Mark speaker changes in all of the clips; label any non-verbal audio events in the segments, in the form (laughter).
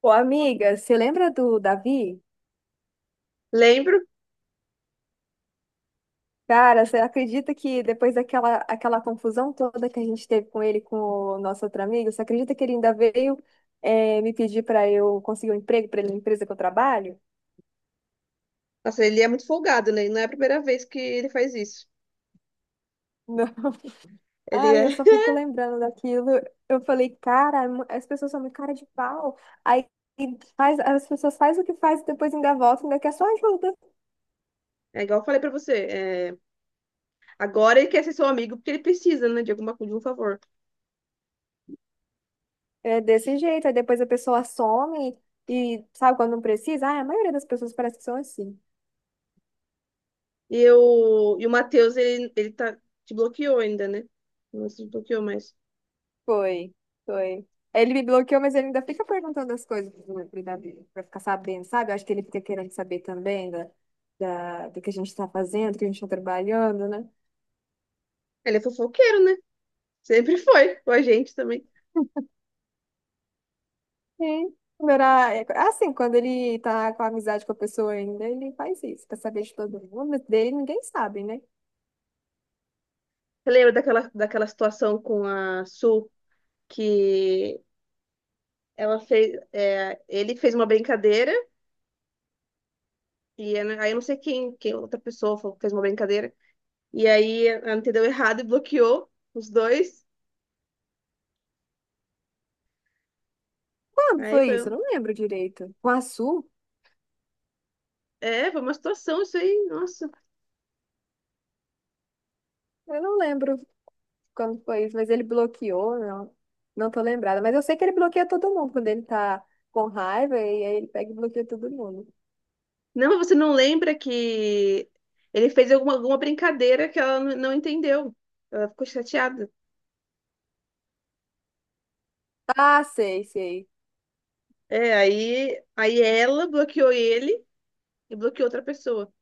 Speaker 1: Pô, amiga, você lembra do Davi?
Speaker 2: Lembro.
Speaker 1: Cara, você acredita que depois daquela aquela confusão toda que a gente teve com ele, com o nosso outro amigo, você acredita que ele ainda veio me pedir para eu conseguir um emprego para ele na empresa que eu trabalho?
Speaker 2: Nossa, ele é muito folgado, né? Não é a primeira vez que ele faz isso.
Speaker 1: Não. (laughs)
Speaker 2: Ele
Speaker 1: Ai, eu
Speaker 2: é,
Speaker 1: só
Speaker 2: (laughs)
Speaker 1: fico lembrando daquilo. Eu falei, cara, as pessoas são muito cara de pau. Aí faz, as pessoas faz o que faz e depois ainda volta, ainda quer só ajuda.
Speaker 2: é igual eu falei pra você. É, agora ele quer ser seu amigo porque ele precisa, né? De alguma coisa, de um favor.
Speaker 1: É desse jeito. Aí depois a pessoa some e sabe quando não precisa? Ah, a maioria das pessoas parece que são assim.
Speaker 2: E o Matheus, ele te bloqueou ainda, né? Não se bloqueou mais.
Speaker 1: Foi, foi. Ele me bloqueou, mas ele ainda fica perguntando as coisas para ficar sabendo, sabe? Eu acho que ele fica querendo saber também do que a gente está fazendo, do que a gente está trabalhando, né?
Speaker 2: Ele é fofoqueiro, né? Sempre foi. Com a gente também.
Speaker 1: Sim. Quando Era, é, assim, Quando ele tá com amizade com a pessoa ainda, ele faz isso, pra saber de todo mundo, mas dele ninguém sabe, né?
Speaker 2: Você lembra daquela situação com a Su que ela fez. É, ele fez uma brincadeira. E né, aí eu não sei quem outra pessoa fez uma brincadeira. E aí ela entendeu errado e bloqueou os dois.
Speaker 1: Quando
Speaker 2: Aí
Speaker 1: foi isso? Eu
Speaker 2: foi,
Speaker 1: não lembro direito. Com a Su?
Speaker 2: é, foi uma situação isso aí, nossa.
Speaker 1: Eu não lembro quando foi isso, mas ele bloqueou, não. Não tô lembrada, mas eu sei que ele bloqueia todo mundo quando ele tá com raiva e aí ele pega e bloqueia todo mundo.
Speaker 2: Não, mas você não lembra que ele fez alguma brincadeira que ela não entendeu. Ela ficou chateada.
Speaker 1: Ah, sei, sei.
Speaker 2: É, aí ela bloqueou ele e bloqueou outra pessoa.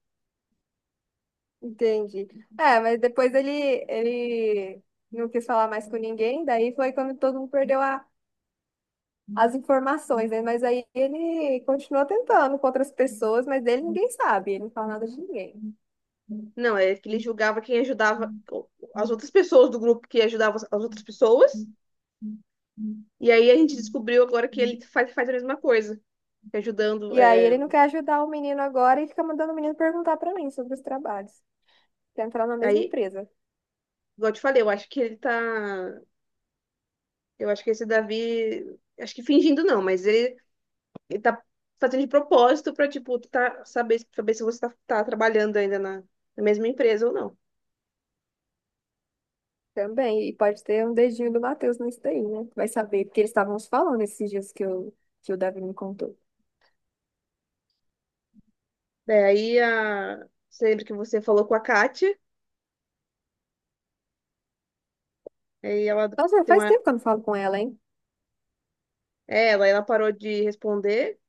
Speaker 1: Entendi. É, mas depois ele não quis falar mais com ninguém, daí foi quando todo mundo perdeu as informações, né? Mas aí ele continuou tentando com outras pessoas, mas dele ninguém sabe, ele não fala nada de ninguém.
Speaker 2: Não, é que ele julgava quem ajudava as outras pessoas do grupo que ajudavam as outras pessoas. E aí a gente descobriu agora que ele faz a mesma coisa, ajudando.
Speaker 1: E aí
Speaker 2: É,
Speaker 1: ele não quer ajudar o menino agora e fica mandando o menino perguntar pra mim sobre os trabalhos. Quer entrar na mesma
Speaker 2: aí,
Speaker 1: empresa.
Speaker 2: igual eu te falei. Eu acho que esse Davi, acho que fingindo não, mas ele tá fazendo de propósito pra, tipo, tá, saber se você tá trabalhando ainda na mesma empresa ou não.
Speaker 1: Também, e pode ter um dedinho do Matheus nisso daí, né? Vai saber, porque eles estavam se falando esses dias que o Davi me contou.
Speaker 2: Daí, você lembra que você falou com a Kátia, aí ela
Speaker 1: Nossa,
Speaker 2: tem
Speaker 1: faz
Speaker 2: uma,
Speaker 1: tempo que eu não falo com ela, hein?
Speaker 2: é, ela parou de responder.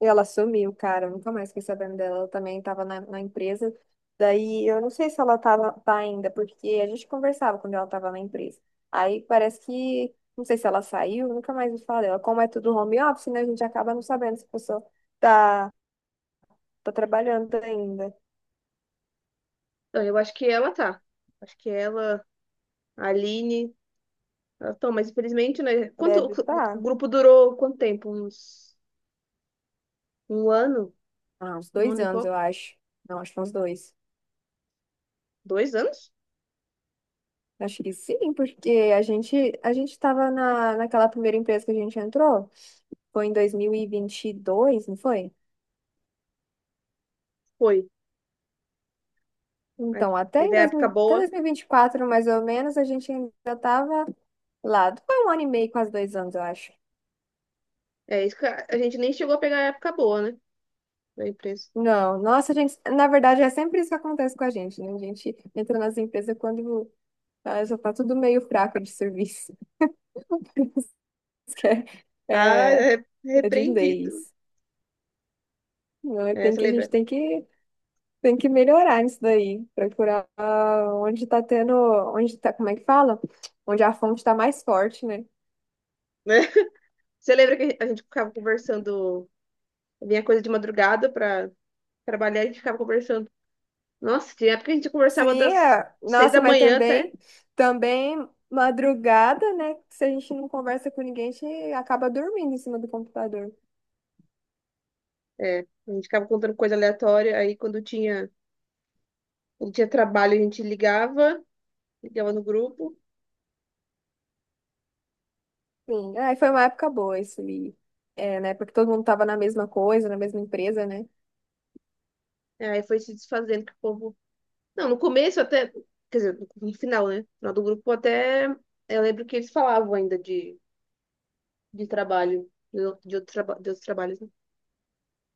Speaker 1: E ela sumiu, cara, eu nunca mais fiquei sabendo dela. Ela também estava na empresa. Daí, eu não sei se ela tá ainda, porque a gente conversava quando ela estava na empresa. Aí parece que, não sei se ela saiu, nunca mais me fala dela. Como é tudo home office, né? A gente acaba não sabendo se a pessoa tá, tá trabalhando ainda.
Speaker 2: Não, eu acho que ela tá. Acho que ela, a Aline, ela tá, mas infelizmente, né?
Speaker 1: Deve estar.
Speaker 2: O
Speaker 1: Tá.
Speaker 2: grupo durou quanto tempo? Um ano?
Speaker 1: Ah, uns
Speaker 2: Um
Speaker 1: dois
Speaker 2: ano e
Speaker 1: anos, eu
Speaker 2: pouco?
Speaker 1: acho. Não, acho que uns dois.
Speaker 2: 2 anos?
Speaker 1: Acho que sim, porque a gente estava naquela primeira empresa que a gente entrou, foi em dois mil e vinte e dois, não foi?
Speaker 2: Foi. Aí
Speaker 1: Então, até em
Speaker 2: teve a época
Speaker 1: 2000, até
Speaker 2: boa.
Speaker 1: dois mil e vinte e quatro mais ou menos, a gente ainda estava lá. Foi um ano e meio, quase dois anos, eu acho.
Speaker 2: É isso que a gente nem chegou a pegar a época boa, né? Da imprensa.
Speaker 1: Não, nossa, gente, na verdade, é sempre isso que acontece com a gente, né? A gente entra nas empresas quando já tá tudo meio fraco de serviço. (laughs) Isso que é,
Speaker 2: Ah,
Speaker 1: é,
Speaker 2: é
Speaker 1: é de
Speaker 2: repreendido.
Speaker 1: leis. Não, é,
Speaker 2: É, você
Speaker 1: a gente
Speaker 2: lembra,
Speaker 1: tem que tem que melhorar isso daí, procurar onde tá tendo, onde tá, como é que fala? Onde a fonte tá mais forte, né?
Speaker 2: né? (laughs) Você lembra que a gente ficava conversando, vinha coisa de madrugada pra trabalhar, a gente ficava conversando. Nossa, tinha época que a gente conversava
Speaker 1: Sim,
Speaker 2: das
Speaker 1: é.
Speaker 2: 6 da
Speaker 1: Nossa, mas
Speaker 2: manhã até.
Speaker 1: também, também madrugada, né? Se a gente não conversa com ninguém, a gente acaba dormindo em cima do computador.
Speaker 2: É, a gente ficava contando coisa aleatória, aí quando tinha trabalho a gente ligava no grupo,
Speaker 1: Sim, aí foi uma época boa isso ali. É, né? Porque todo mundo tava na mesma coisa, na mesma empresa, né?
Speaker 2: aí foi se desfazendo que o povo... Não, no começo até, quer dizer, no final, né? No final do grupo até, eu lembro que eles falavam ainda de trabalho, de outros trabalhos, né?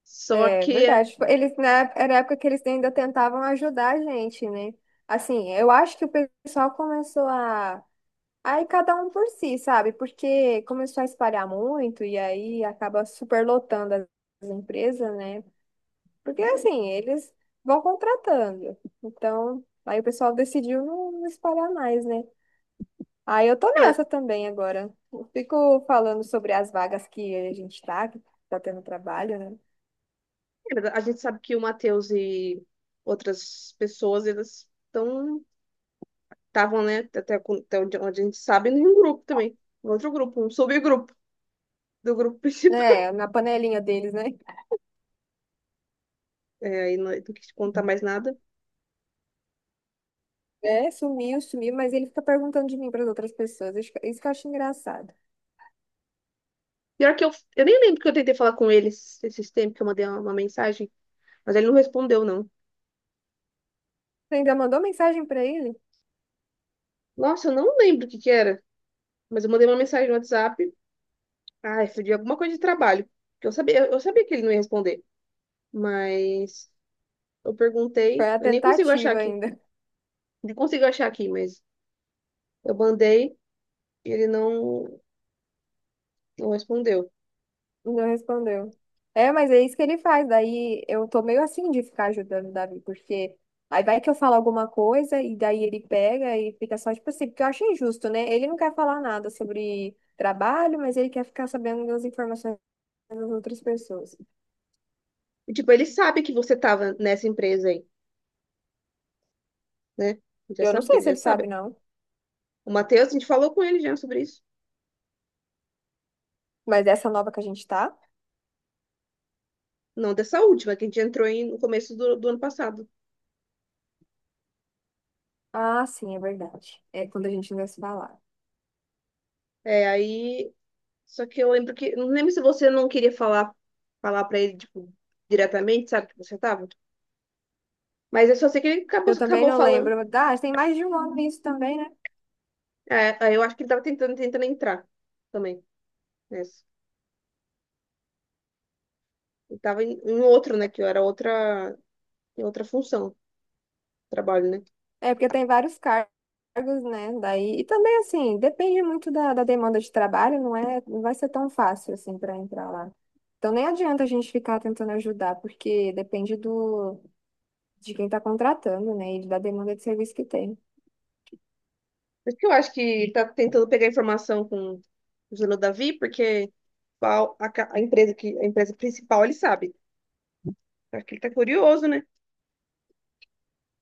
Speaker 2: Só
Speaker 1: É
Speaker 2: que
Speaker 1: verdade. Era a época que eles ainda tentavam ajudar a gente, né? Assim, eu acho que o pessoal começou a. Aí cada um por si, sabe? Porque começou a espalhar muito e aí acaba superlotando as empresas, né? Porque assim, eles vão contratando. Então, aí o pessoal decidiu não espalhar mais, né? Aí eu tô
Speaker 2: mas-
Speaker 1: nessa também agora. Eu fico falando sobre as vagas que a gente que tá tendo trabalho, né?
Speaker 2: é, mas a gente sabe que o Matheus e outras pessoas, eles estavam, né, até, até onde a gente sabe, em um grupo também, em outro grupo, um subgrupo do grupo principal.
Speaker 1: É,
Speaker 2: (laughs)
Speaker 1: na panelinha deles, né?
Speaker 2: É, e não quis contar mais nada.
Speaker 1: É, sumiu, sumiu, mas ele fica perguntando de mim para as outras pessoas. Isso que eu acho engraçado.
Speaker 2: Pior que eu nem lembro que eu tentei falar com ele esses tempos, que eu mandei uma mensagem, mas ele não respondeu, não.
Speaker 1: Você ainda mandou mensagem para ele?
Speaker 2: Nossa, eu não lembro o que que era, mas eu mandei uma mensagem no WhatsApp, de alguma coisa de trabalho, que eu sabia que ele não ia responder. Mas eu
Speaker 1: Foi
Speaker 2: perguntei,
Speaker 1: a
Speaker 2: eu nem consigo achar
Speaker 1: tentativa
Speaker 2: aqui.
Speaker 1: ainda.
Speaker 2: Nem consigo achar aqui, mas eu mandei e ele não respondeu.
Speaker 1: (laughs) Não respondeu. É, mas é isso que ele faz. Daí eu tô meio assim de ficar ajudando o Davi, porque aí vai que eu falo alguma coisa e daí ele pega e fica só tipo assim, porque eu acho injusto, né? Ele não quer falar nada sobre trabalho, mas ele quer ficar sabendo das informações das outras pessoas.
Speaker 2: E, tipo, ele sabe que você tava nessa empresa aí, né? Ele já
Speaker 1: Eu não
Speaker 2: sabe,
Speaker 1: sei
Speaker 2: ele
Speaker 1: se
Speaker 2: já
Speaker 1: ele
Speaker 2: sabe.
Speaker 1: sabe, não,
Speaker 2: O Matheus, a gente falou com ele já sobre isso.
Speaker 1: mas essa nova que a gente tá.
Speaker 2: Não dessa última, que a gente entrou no começo do ano passado.
Speaker 1: Ah, sim, é verdade. É quando a gente não se falar.
Speaker 2: É, aí. Só que eu lembro que. Não lembro se você não queria falar pra ele, tipo, diretamente, sabe, que você tava. Mas eu só sei que ele acabou,
Speaker 1: Eu também
Speaker 2: acabou
Speaker 1: não
Speaker 2: falando.
Speaker 1: lembro. Ah, tem mais de um ano isso também, né?
Speaker 2: É, aí eu acho que ele tava tentando entrar também. Nessa. Eu tava em outro, né? Que eu era outra, em outra função, trabalho, né?
Speaker 1: É porque tem vários cargos, né? Daí, e também, assim, depende muito da demanda de trabalho, não é? Não vai ser tão fácil, assim, para entrar lá. Então, nem adianta a gente ficar tentando ajudar, porque depende de quem está contratando, né? E da demanda de serviço que tem.
Speaker 2: Por isso que eu acho que tá tentando pegar informação com o Zelo Davi, porque a empresa principal ele sabe. Acho que ele tá curioso, né?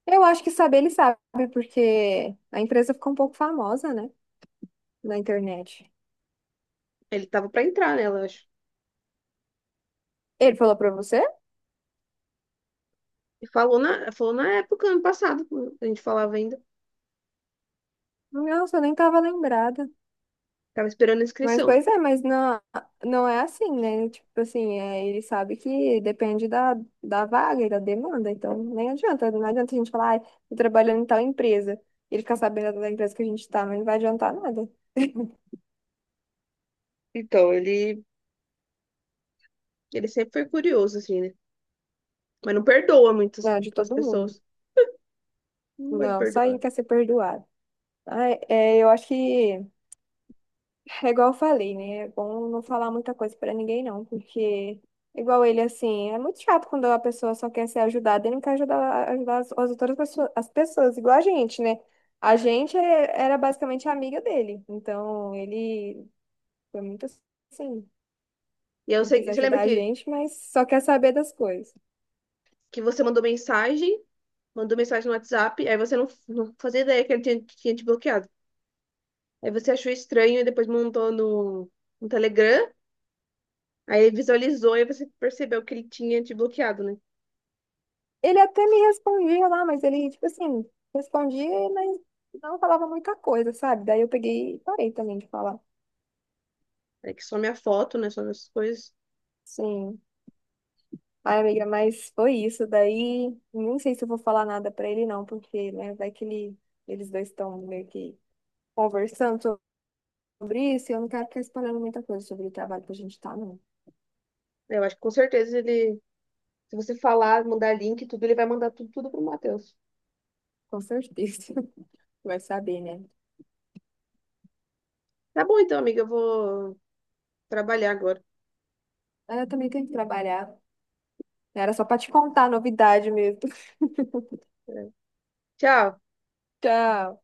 Speaker 1: Eu acho que saber ele sabe, porque a empresa ficou um pouco famosa, né? Na internet.
Speaker 2: Ele tava pra entrar nela, eu acho.
Speaker 1: Ele falou para você?
Speaker 2: E falou na época, ano passado, a gente falava ainda.
Speaker 1: Nossa, eu nem tava lembrada.
Speaker 2: Tava esperando a
Speaker 1: Mas,
Speaker 2: inscrição.
Speaker 1: pois é, mas não, não é assim, né? Tipo assim, é, ele sabe que depende da vaga e da demanda, então nem adianta, não adianta a gente falar, ai, tô trabalhando em tal empresa, e ele ficar sabendo da empresa que a gente tá, mas não vai adiantar nada. (laughs)
Speaker 2: Então, ele sempre foi curioso, assim, né? Mas não perdoa muitas
Speaker 1: Não, de
Speaker 2: as
Speaker 1: todo mundo.
Speaker 2: pessoas. Não gosta de
Speaker 1: Não, só ele
Speaker 2: perdoar.
Speaker 1: quer ser perdoado. Ai, é, eu acho que é igual eu falei, né? É bom não falar muita coisa pra ninguém, não, porque, igual ele, assim, é muito chato quando a pessoa só quer ser ajudada e não quer ajudar, as outras pessoas, as pessoas, igual a gente, né? A gente era basicamente amiga dele, então ele foi muito assim,
Speaker 2: E aí, eu
Speaker 1: não quis
Speaker 2: sei, você lembra
Speaker 1: ajudar a
Speaker 2: que,
Speaker 1: gente, mas só quer saber das coisas.
Speaker 2: que você mandou mensagem no WhatsApp, aí você não fazia ideia que ele tinha te bloqueado. Aí você achou estranho e depois montou no Telegram, aí ele visualizou e você percebeu que ele tinha te bloqueado, né?
Speaker 1: Ele até me respondia lá, mas ele, tipo assim, respondia, mas não falava muita coisa, sabe? Daí eu peguei e parei também de falar.
Speaker 2: Aí que some a foto, né? Some essas coisas.
Speaker 1: Sim. Ai, amiga, mas foi isso. Daí, não sei se eu vou falar nada pra ele, não, porque, né, vai que eles dois estão meio que conversando sobre isso e eu não quero ficar espalhando muita coisa sobre o trabalho que a gente tá, não.
Speaker 2: Eu acho que com certeza ele, se você falar, mandar link, e tudo, ele vai mandar tudo, tudo pro Matheus.
Speaker 1: Com certeza. (laughs) Vai saber, né?
Speaker 2: Tá bom então, amiga, eu vou trabalhar agora.
Speaker 1: Mas eu também tenho que trabalhar. Era só pra te contar a novidade mesmo. (laughs)
Speaker 2: É. Tchau.
Speaker 1: Tchau.